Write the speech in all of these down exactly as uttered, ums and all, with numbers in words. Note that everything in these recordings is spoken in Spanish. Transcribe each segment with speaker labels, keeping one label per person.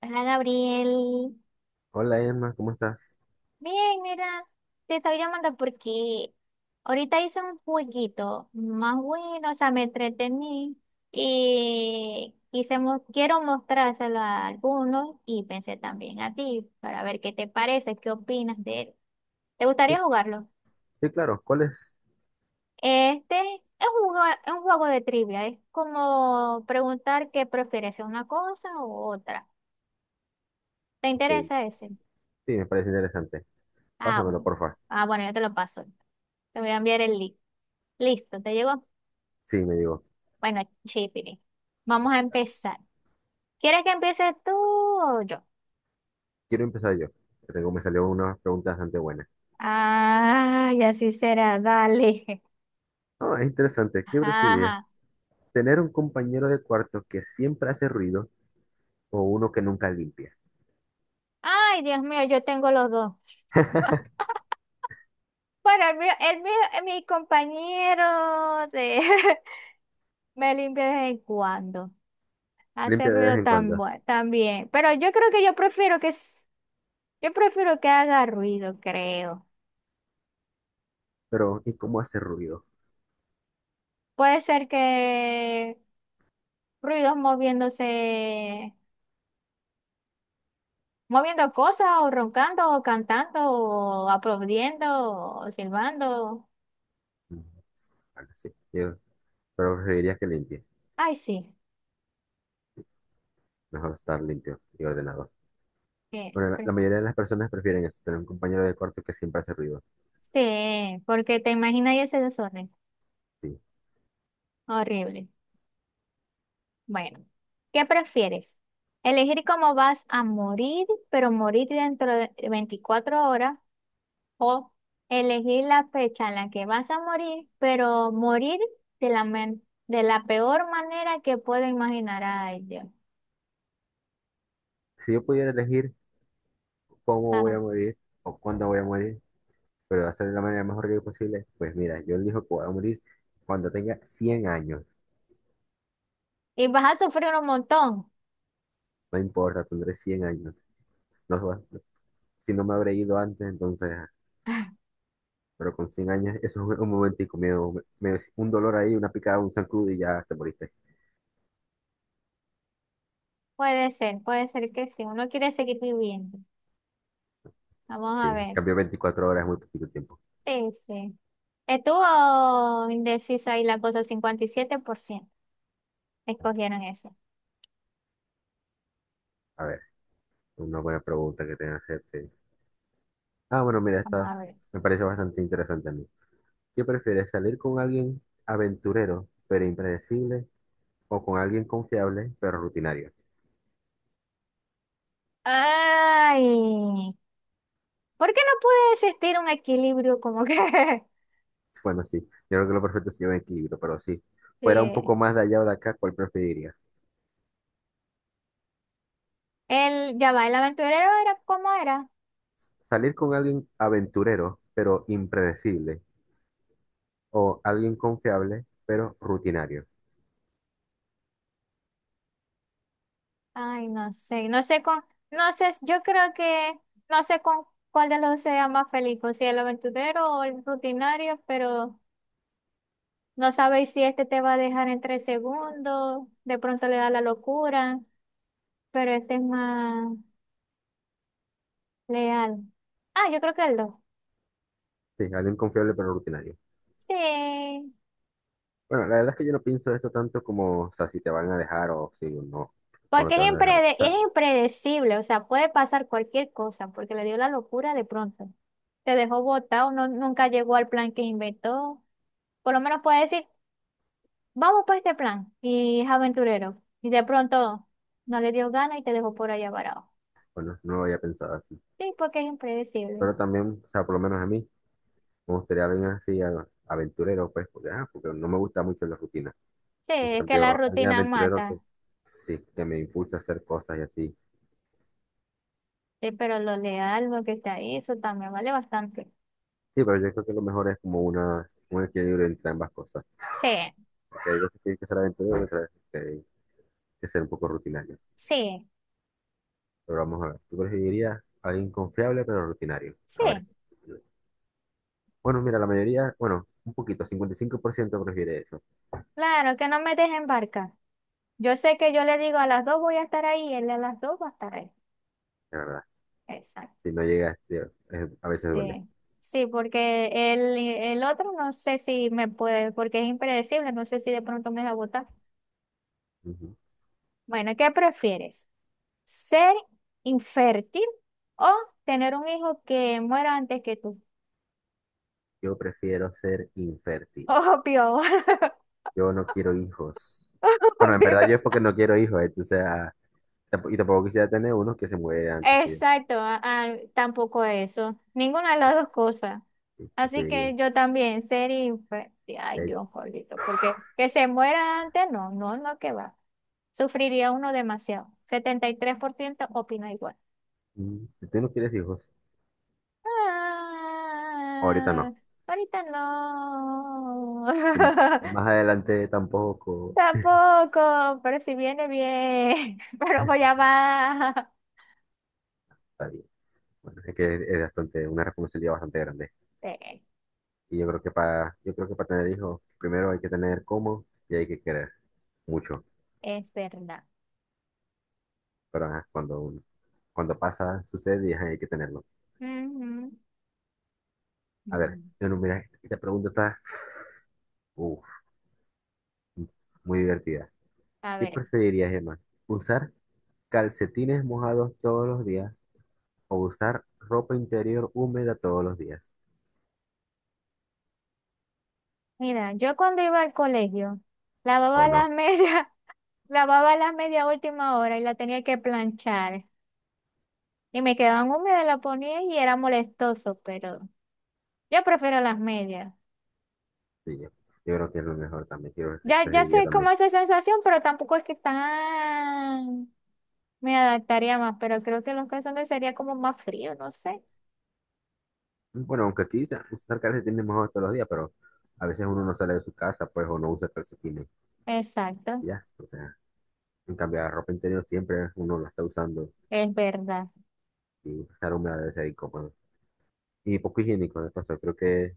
Speaker 1: Hola Gabriel.
Speaker 2: Hola Emma, ¿cómo estás?
Speaker 1: Bien, mira, te estaba llamando porque ahorita hice un jueguito más bueno, o sea, me entretení y quise mo- quiero mostrárselo a algunos y pensé también a ti para ver qué te parece, qué opinas de él. ¿Te
Speaker 2: Sí,
Speaker 1: gustaría jugarlo?
Speaker 2: sí, claro, ¿cuál es?
Speaker 1: Este es un, jue- es un juego de trivia, es como preguntar qué prefieres, una cosa u otra. ¿Te
Speaker 2: Ok, sí,
Speaker 1: interesa ese?
Speaker 2: me parece interesante.
Speaker 1: Ah,
Speaker 2: Pásamelo,
Speaker 1: bu-
Speaker 2: porfa.
Speaker 1: ah, bueno, ya te lo paso. Te voy a enviar el link. Listo, ¿te llegó?
Speaker 2: Sí, me digo.
Speaker 1: Bueno, chipiri. Vamos a empezar. ¿Quieres que empieces tú o yo?
Speaker 2: Quiero empezar yo. Que Tengo, me salió una pregunta bastante buena.
Speaker 1: Ah, y así será, dale.
Speaker 2: Ah, es interesante. ¿Qué preferirías?
Speaker 1: Ajá.
Speaker 2: ¿Tener un compañero de cuarto que siempre hace ruido o uno que nunca limpia?
Speaker 1: Ay, Dios mío, yo tengo los dos. Bueno, el mío, el mío, eh, mi compañero de... me limpia de vez en cuando. Hace
Speaker 2: Limpia de vez
Speaker 1: ruido
Speaker 2: en
Speaker 1: tan
Speaker 2: cuando,
Speaker 1: bue- también. Pero yo creo que yo prefiero que... s- Yo prefiero que haga ruido, creo.
Speaker 2: pero ¿y cómo hace ruido?
Speaker 1: Puede ser que ruidos moviéndose, moviendo cosas o roncando o cantando o aplaudiendo o silbando.
Speaker 2: Mm, bueno, sí, yo- pero preferirías que limpie.
Speaker 1: Ay, sí.
Speaker 2: Mejor estar limpio y ordenado.
Speaker 1: eh,
Speaker 2: Bueno, la,
Speaker 1: pre-
Speaker 2: la mayoría de las personas prefieren eso, tener un compañero de cuarto que siempre hace ruido.
Speaker 1: Sí, porque te imaginas ese desorden.
Speaker 2: Sí.
Speaker 1: Horrible. Bueno, ¿qué prefieres? ¿Elegir cómo vas a morir, pero morir dentro de veinticuatro horas? O elegir la fecha en la que vas a morir, pero morir de la, men- de la peor manera que puedo imaginar. Ay, Dios.
Speaker 2: Si yo pudiera elegir cómo voy
Speaker 1: Ajá.
Speaker 2: a morir o cuándo voy a morir, pero va a ser de la manera más horrible posible. Pues mira, yo elijo que voy a morir cuando tenga cien años.
Speaker 1: Y vas a sufrir un montón.
Speaker 2: No importa, tendré cien años. No, so- si no me habré ido antes, entonces, pero con cien años, eso es un, un momentico, medio, medio- un dolor ahí, una picada, un zancudo y ya te moriste.
Speaker 1: Puede ser, puede ser que sí. Uno quiere seguir viviendo. Vamos a
Speaker 2: Sí,
Speaker 1: ver.
Speaker 2: cambió veinticuatro horas, es muy poquito tiempo.
Speaker 1: Sí, sí. Estuvo indecisa ahí la cosa, cincuenta y siete por ciento escogieron eso.
Speaker 2: A ver, una buena pregunta que tenga que hacerte. Ah, bueno, mira,
Speaker 1: Vamos
Speaker 2: esta
Speaker 1: a ver.
Speaker 2: me parece bastante interesante a mí. ¿Qué prefieres, salir con alguien aventurero pero impredecible o con alguien confiable, pero rutinario?
Speaker 1: Ay, ¿por qué no puede existir un equilibrio como que...
Speaker 2: Bueno, sí, yo creo que lo perfecto se lleva en equilibrio, pero sí, fuera un
Speaker 1: Sí.
Speaker 2: poco más de allá o de acá, ¿cuál preferiría?
Speaker 1: El, ya va, el aventurero era cómo era.
Speaker 2: Salir con alguien aventurero, pero impredecible, o alguien confiable, pero rutinario.
Speaker 1: Ay, no sé, no sé con, no sé, yo creo que, no sé con cuál de los dos sea más feliz, o si el aventurero o el rutinario, pero no sabéis si este te va a dejar en tres segundos, de pronto le da la locura, pero este es más leal. Ah, yo creo que el dos.
Speaker 2: Sí, alguien confiable, pero rutinario.
Speaker 1: Sí,
Speaker 2: Bueno, la verdad es que yo no pienso esto tanto como, o sea, si te van a dejar o si no, o no
Speaker 1: porque
Speaker 2: te
Speaker 1: es
Speaker 2: van a dejar. O
Speaker 1: imprede- es
Speaker 2: sea,
Speaker 1: impredecible, o sea, puede pasar cualquier cosa, porque le dio la locura de pronto. Te dejó botado, no, nunca llegó al plan que inventó. Por lo menos puede decir, vamos por este plan, y es aventurero. Y de pronto no le dio gana y te dejó por allá varado.
Speaker 2: bueno, no lo había pensado así.
Speaker 1: Sí, porque es impredecible.
Speaker 2: Pero también, o sea, por lo menos a mí, me gustaría alguien así, a- aventurero, pues, porque, ah, porque no me gusta mucho la rutina.
Speaker 1: Sí,
Speaker 2: En
Speaker 1: es que la
Speaker 2: cambio, alguien
Speaker 1: rutina
Speaker 2: aventurero que
Speaker 1: mata.
Speaker 2: sí, que me impulsa a hacer cosas y así.
Speaker 1: Sí, pero lo leal, lo que está ahí, eso también vale bastante.
Speaker 2: Sí, pero yo creo que lo mejor es como una, un equilibrio entre ambas cosas.
Speaker 1: Sí,
Speaker 2: Porque hay veces que hay que ser aventurero y otras veces que hay que ser un poco rutinario.
Speaker 1: sí,
Speaker 2: Pero vamos a ver, tú preferirías a alguien confiable pero rutinario. A ver.
Speaker 1: sí,
Speaker 2: Bueno, mira, la mayoría, bueno, un poquito, cincuenta y cinco por ciento prefiere eso,
Speaker 1: claro, que no me dejen barca. Yo sé que yo le digo a las dos voy a estar ahí, él a las dos va a estar ahí.
Speaker 2: la verdad.
Speaker 1: Exacto.
Speaker 2: Si no llegas, tío, es- a veces duele.
Speaker 1: Sí. Sí, porque el, el otro no sé si me puede, porque es impredecible, no sé si de pronto me va a votar.
Speaker 2: Ujú.
Speaker 1: Bueno, ¿qué prefieres? ¿Ser infértil o tener un hijo que muera antes que tú?
Speaker 2: Yo prefiero ser infértil.
Speaker 1: Obvio,
Speaker 2: Yo no quiero hijos. Bueno, en
Speaker 1: obvio.
Speaker 2: verdad yo es porque no quiero hijos, entonces ah, Tampo- y tampoco quisiera tener uno que se muere antes que yo.
Speaker 1: Exacto, ah, ah, tampoco eso, ninguna de las dos cosas.
Speaker 2: Sí,
Speaker 1: Así que
Speaker 2: porque,
Speaker 1: yo también, ser infeliz, ay
Speaker 2: de hecho,
Speaker 1: Dios, jolito, porque que se muera antes, no, no, no, que va. Sufriría uno demasiado. Setenta y tres por ciento opina igual.
Speaker 2: mm, si tú no quieres hijos, ahorita
Speaker 1: Ah,
Speaker 2: no.
Speaker 1: ahorita no.
Speaker 2: Y m- y más adelante tampoco.
Speaker 1: Tampoco, pero si viene bien, pero voy a va.
Speaker 2: Está bien. Bueno, es que es es bastante, una responsabilidad bastante grande.
Speaker 1: Sí,
Speaker 2: Y yo creo que para, yo creo que para tener hijos, primero hay que tener cómo y hay que querer mucho.
Speaker 1: es verdad.
Speaker 2: Pero ajá, cuando, uno- cuando pasa, sucede y ajá, hay que tenerlo.
Speaker 1: Ujú.
Speaker 2: A ver,
Speaker 1: Mm.
Speaker 2: yo no, mira, esta pregunta está uf, muy divertida.
Speaker 1: A
Speaker 2: ¿Qué
Speaker 1: ver.
Speaker 2: preferirías, Emma? ¿Usar calcetines mojados todos los días, o usar ropa interior húmeda todos los días?
Speaker 1: Mira, yo cuando iba al colegio,
Speaker 2: O
Speaker 1: lavaba
Speaker 2: no,
Speaker 1: las medias, lavaba las medias a última hora y la tenía que planchar. Y me quedaban húmedas, la ponía y era molestoso, pero yo prefiero las medias.
Speaker 2: sí, yo, yo creo que es lo mejor también, quiero
Speaker 1: Ya, ya
Speaker 2: preferiría
Speaker 1: sé
Speaker 2: también.
Speaker 1: cómo es esa sensación, pero tampoco es que tan me adaptaría más, pero creo que los calzones sería como más frío, no sé.
Speaker 2: Bueno, aunque aquí sa- usar calcetines mejor todos los días, pero a veces uno no sale de su casa, pues, o no usa calcetines,
Speaker 1: Exacto,
Speaker 2: y ya. O sea, en cambio, la ropa interior siempre uno la está usando
Speaker 1: es verdad.
Speaker 2: y estar húmeda debe ser incómodo. Y poco higiénico, de paso, creo que,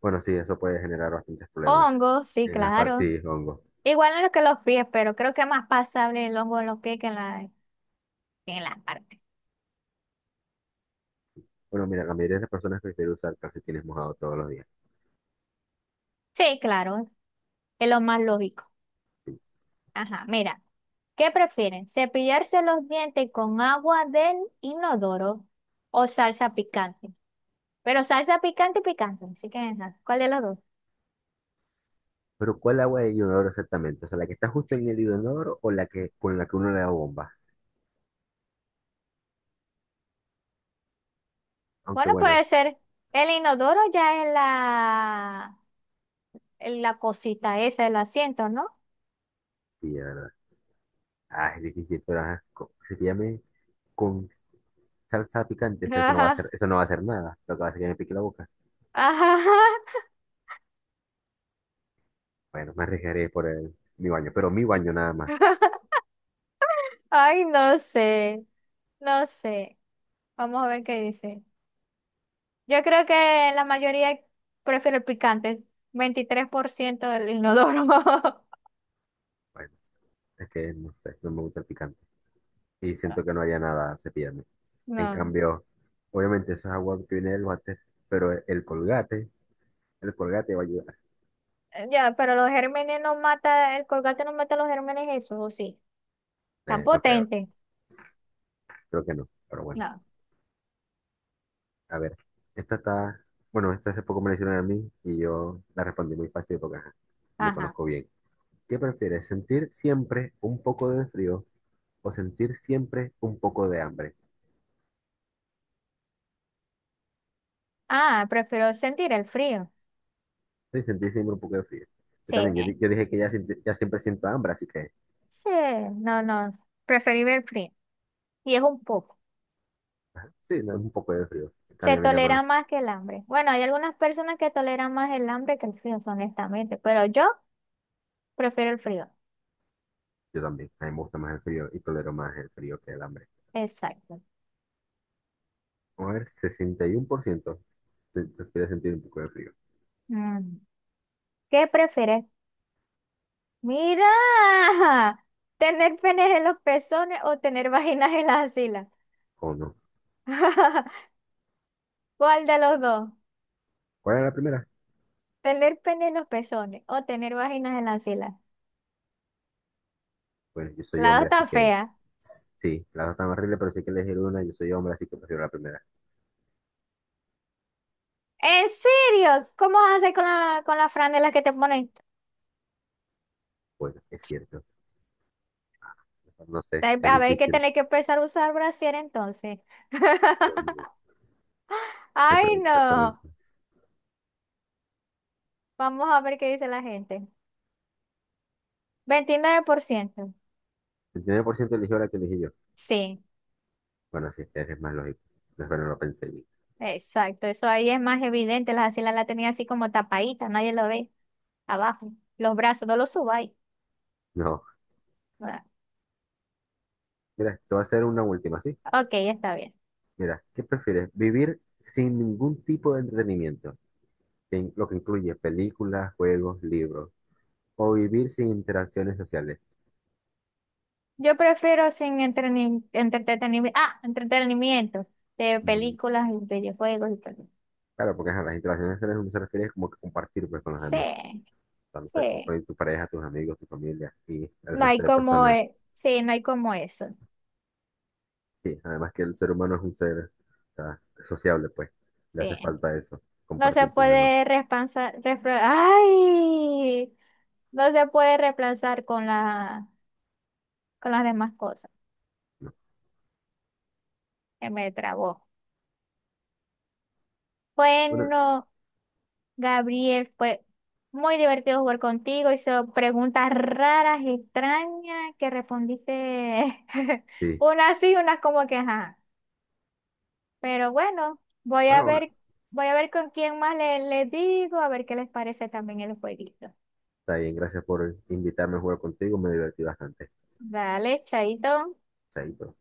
Speaker 2: bueno, sí, eso puede generar bastantes problemas
Speaker 1: Hongo, sí,
Speaker 2: en las partes,
Speaker 1: claro.
Speaker 2: sí, hongo.
Speaker 1: Igual en lo que los pies, pero creo que es más pasable el hongo en los pies que en la, que en las partes.
Speaker 2: Bueno, mira, la mayoría de las personas prefieren usar calcetines mojados todos los días.
Speaker 1: Sí, claro, es lo más lógico. Ajá, mira, ¿qué prefieren? ¿Cepillarse los dientes con agua del inodoro o salsa picante? Pero salsa picante, picante, así que ajá, ¿cuál de los dos?
Speaker 2: Pero ¿cuál agua de inodoro exactamente? O sea, la que está justo en el inodoro o la que con la que uno le da bomba. Aunque
Speaker 1: Bueno,
Speaker 2: bueno,
Speaker 1: puede ser el inodoro ya es la, en la cosita esa, el asiento, ¿no?
Speaker 2: sí, de verdad. Ah, es difícil, pero ajá, co- si te llame con salsa picante, o sea, eso no va a
Speaker 1: Ajá,
Speaker 2: hacer, eso no va a hacer nada. Lo que va a hacer es que me pique la boca.
Speaker 1: ajá.
Speaker 2: Bueno, me arriesgaré por el, mi baño, pero mi baño nada más.
Speaker 1: Ay, no sé, no sé. Vamos a ver qué dice. Yo creo que la mayoría prefiere el picante, veintitrés por ciento del inodoro.
Speaker 2: Bueno, es que no sé, no me gusta el picante. Y siento que no haría nada al cepillarme. En
Speaker 1: No,
Speaker 2: cambio, obviamente eso es agua que viene del váter, pero el colgate, el colgate va a ayudar.
Speaker 1: eh, ya, pero los gérmenes no mata, el colgate no mata los gérmenes, eso, ¿o sí? Tan
Speaker 2: Eh, no creo,
Speaker 1: potente.
Speaker 2: creo que no, pero bueno.
Speaker 1: No,
Speaker 2: A ver, esta está, bueno, esta hace poco me la hicieron a mí y yo la respondí muy fácil porque ajá, me
Speaker 1: ajá.
Speaker 2: conozco bien. ¿Qué prefieres, sentir siempre un poco de frío o sentir siempre un poco de hambre?
Speaker 1: Ah, prefiero sentir el frío.
Speaker 2: Sí, sentir siempre un poco de frío. Yo
Speaker 1: Sí,
Speaker 2: también, yo, di- yo dije que ya, siente- ya siempre siento hambre, así que
Speaker 1: sí, no, no, preferible el frío. Y es un poco.
Speaker 2: sí, no, es un poco de frío. En
Speaker 1: Se
Speaker 2: cambio, a mí nada más,
Speaker 1: tolera más que el hambre. Bueno, hay algunas personas que toleran más el hambre que el frío, honestamente, pero yo prefiero el frío.
Speaker 2: yo también, a mí me gusta más el frío y tolero más el frío que el hambre.
Speaker 1: Exacto.
Speaker 2: Vamos a ver, sesenta y uno por ciento pre- prefiere sentir un poco de frío.
Speaker 1: Mm. ¿Qué prefieres? Mira, tener penes en los pezones o tener vaginas en las axilas.
Speaker 2: ¿O no?
Speaker 1: ¿Cuál de los dos?
Speaker 2: ¿Cuál era la primera?
Speaker 1: Tener pene en los pezones o tener vaginas en las axilas.
Speaker 2: Bueno, yo soy
Speaker 1: La dos
Speaker 2: hombre, así
Speaker 1: tan
Speaker 2: que
Speaker 1: fea.
Speaker 2: sí, las dos están horribles, pero sí que elegir una, yo soy hombre, así que prefiero la primera.
Speaker 1: ¿En serio? ¿Cómo vas a hacer con la, con las franelas que te ponen?
Speaker 2: Bueno, es cierto. No sé,
Speaker 1: Te-
Speaker 2: es
Speaker 1: A ver, hay que
Speaker 2: difícil.
Speaker 1: tener que empezar a usar brasier entonces.
Speaker 2: Dios mío, ¿qué
Speaker 1: Ay,
Speaker 2: preguntas son
Speaker 1: no.
Speaker 2: estas?
Speaker 1: Vamos a ver qué dice la gente. Veintinueve por ciento.
Speaker 2: El veintinueve por ciento eligió la que elegí yo.
Speaker 1: Sí,
Speaker 2: Bueno, sí, es más lógico. No, pero no lo pensé bien.
Speaker 1: exacto. Eso ahí es más evidente. Las axilas la tenía así como tapadita, nadie lo ve. Abajo. Los brazos, no los subáis.
Speaker 2: No,
Speaker 1: Ah,
Speaker 2: mira, te voy a hacer una última, ¿sí?
Speaker 1: ok, está bien.
Speaker 2: Mira, ¿qué prefieres? ¿Vivir sin ningún tipo de entretenimiento, que in- lo que incluye películas, juegos, libros? ¿O vivir sin interacciones sociales?
Speaker 1: Yo prefiero sin entreni- entretenimiento. Ah, entretenimiento. De
Speaker 2: Mm,
Speaker 1: películas y videojuegos y todo.
Speaker 2: claro, porque ajá, las interacciones sociales no se refiere como que compartir pues, con los
Speaker 1: Sí,
Speaker 2: demás. Sea, no sé, con
Speaker 1: sí.
Speaker 2: con tu pareja, tus amigos, tu familia y el
Speaker 1: No hay
Speaker 2: resto de
Speaker 1: como,
Speaker 2: personas.
Speaker 1: e- sí, no hay como eso.
Speaker 2: Sí, además que el ser humano es un ser, o sea, sociable, pues. Le hace
Speaker 1: Sí.
Speaker 2: falta eso,
Speaker 1: No se
Speaker 2: compartir con los demás,
Speaker 1: puede reemplazar. repla- ¡Ay! No se puede reemplazar con la, con las demás cosas.
Speaker 2: ¿no?
Speaker 1: Se me trabó.
Speaker 2: Bueno,
Speaker 1: Bueno. Gabriel, fue muy divertido jugar contigo. Hizo preguntas raras, extrañas, que respondiste
Speaker 2: sí.
Speaker 1: unas sí, unas como que ajá. Pero bueno, voy a
Speaker 2: Bueno, bueno,
Speaker 1: ver, voy a ver con quién más le, le digo, a ver qué les parece también el jueguito.
Speaker 2: está bien. Gracias por invitarme a jugar contigo. Me divertí bastante.
Speaker 1: Dale, chaito.
Speaker 2: Chaito.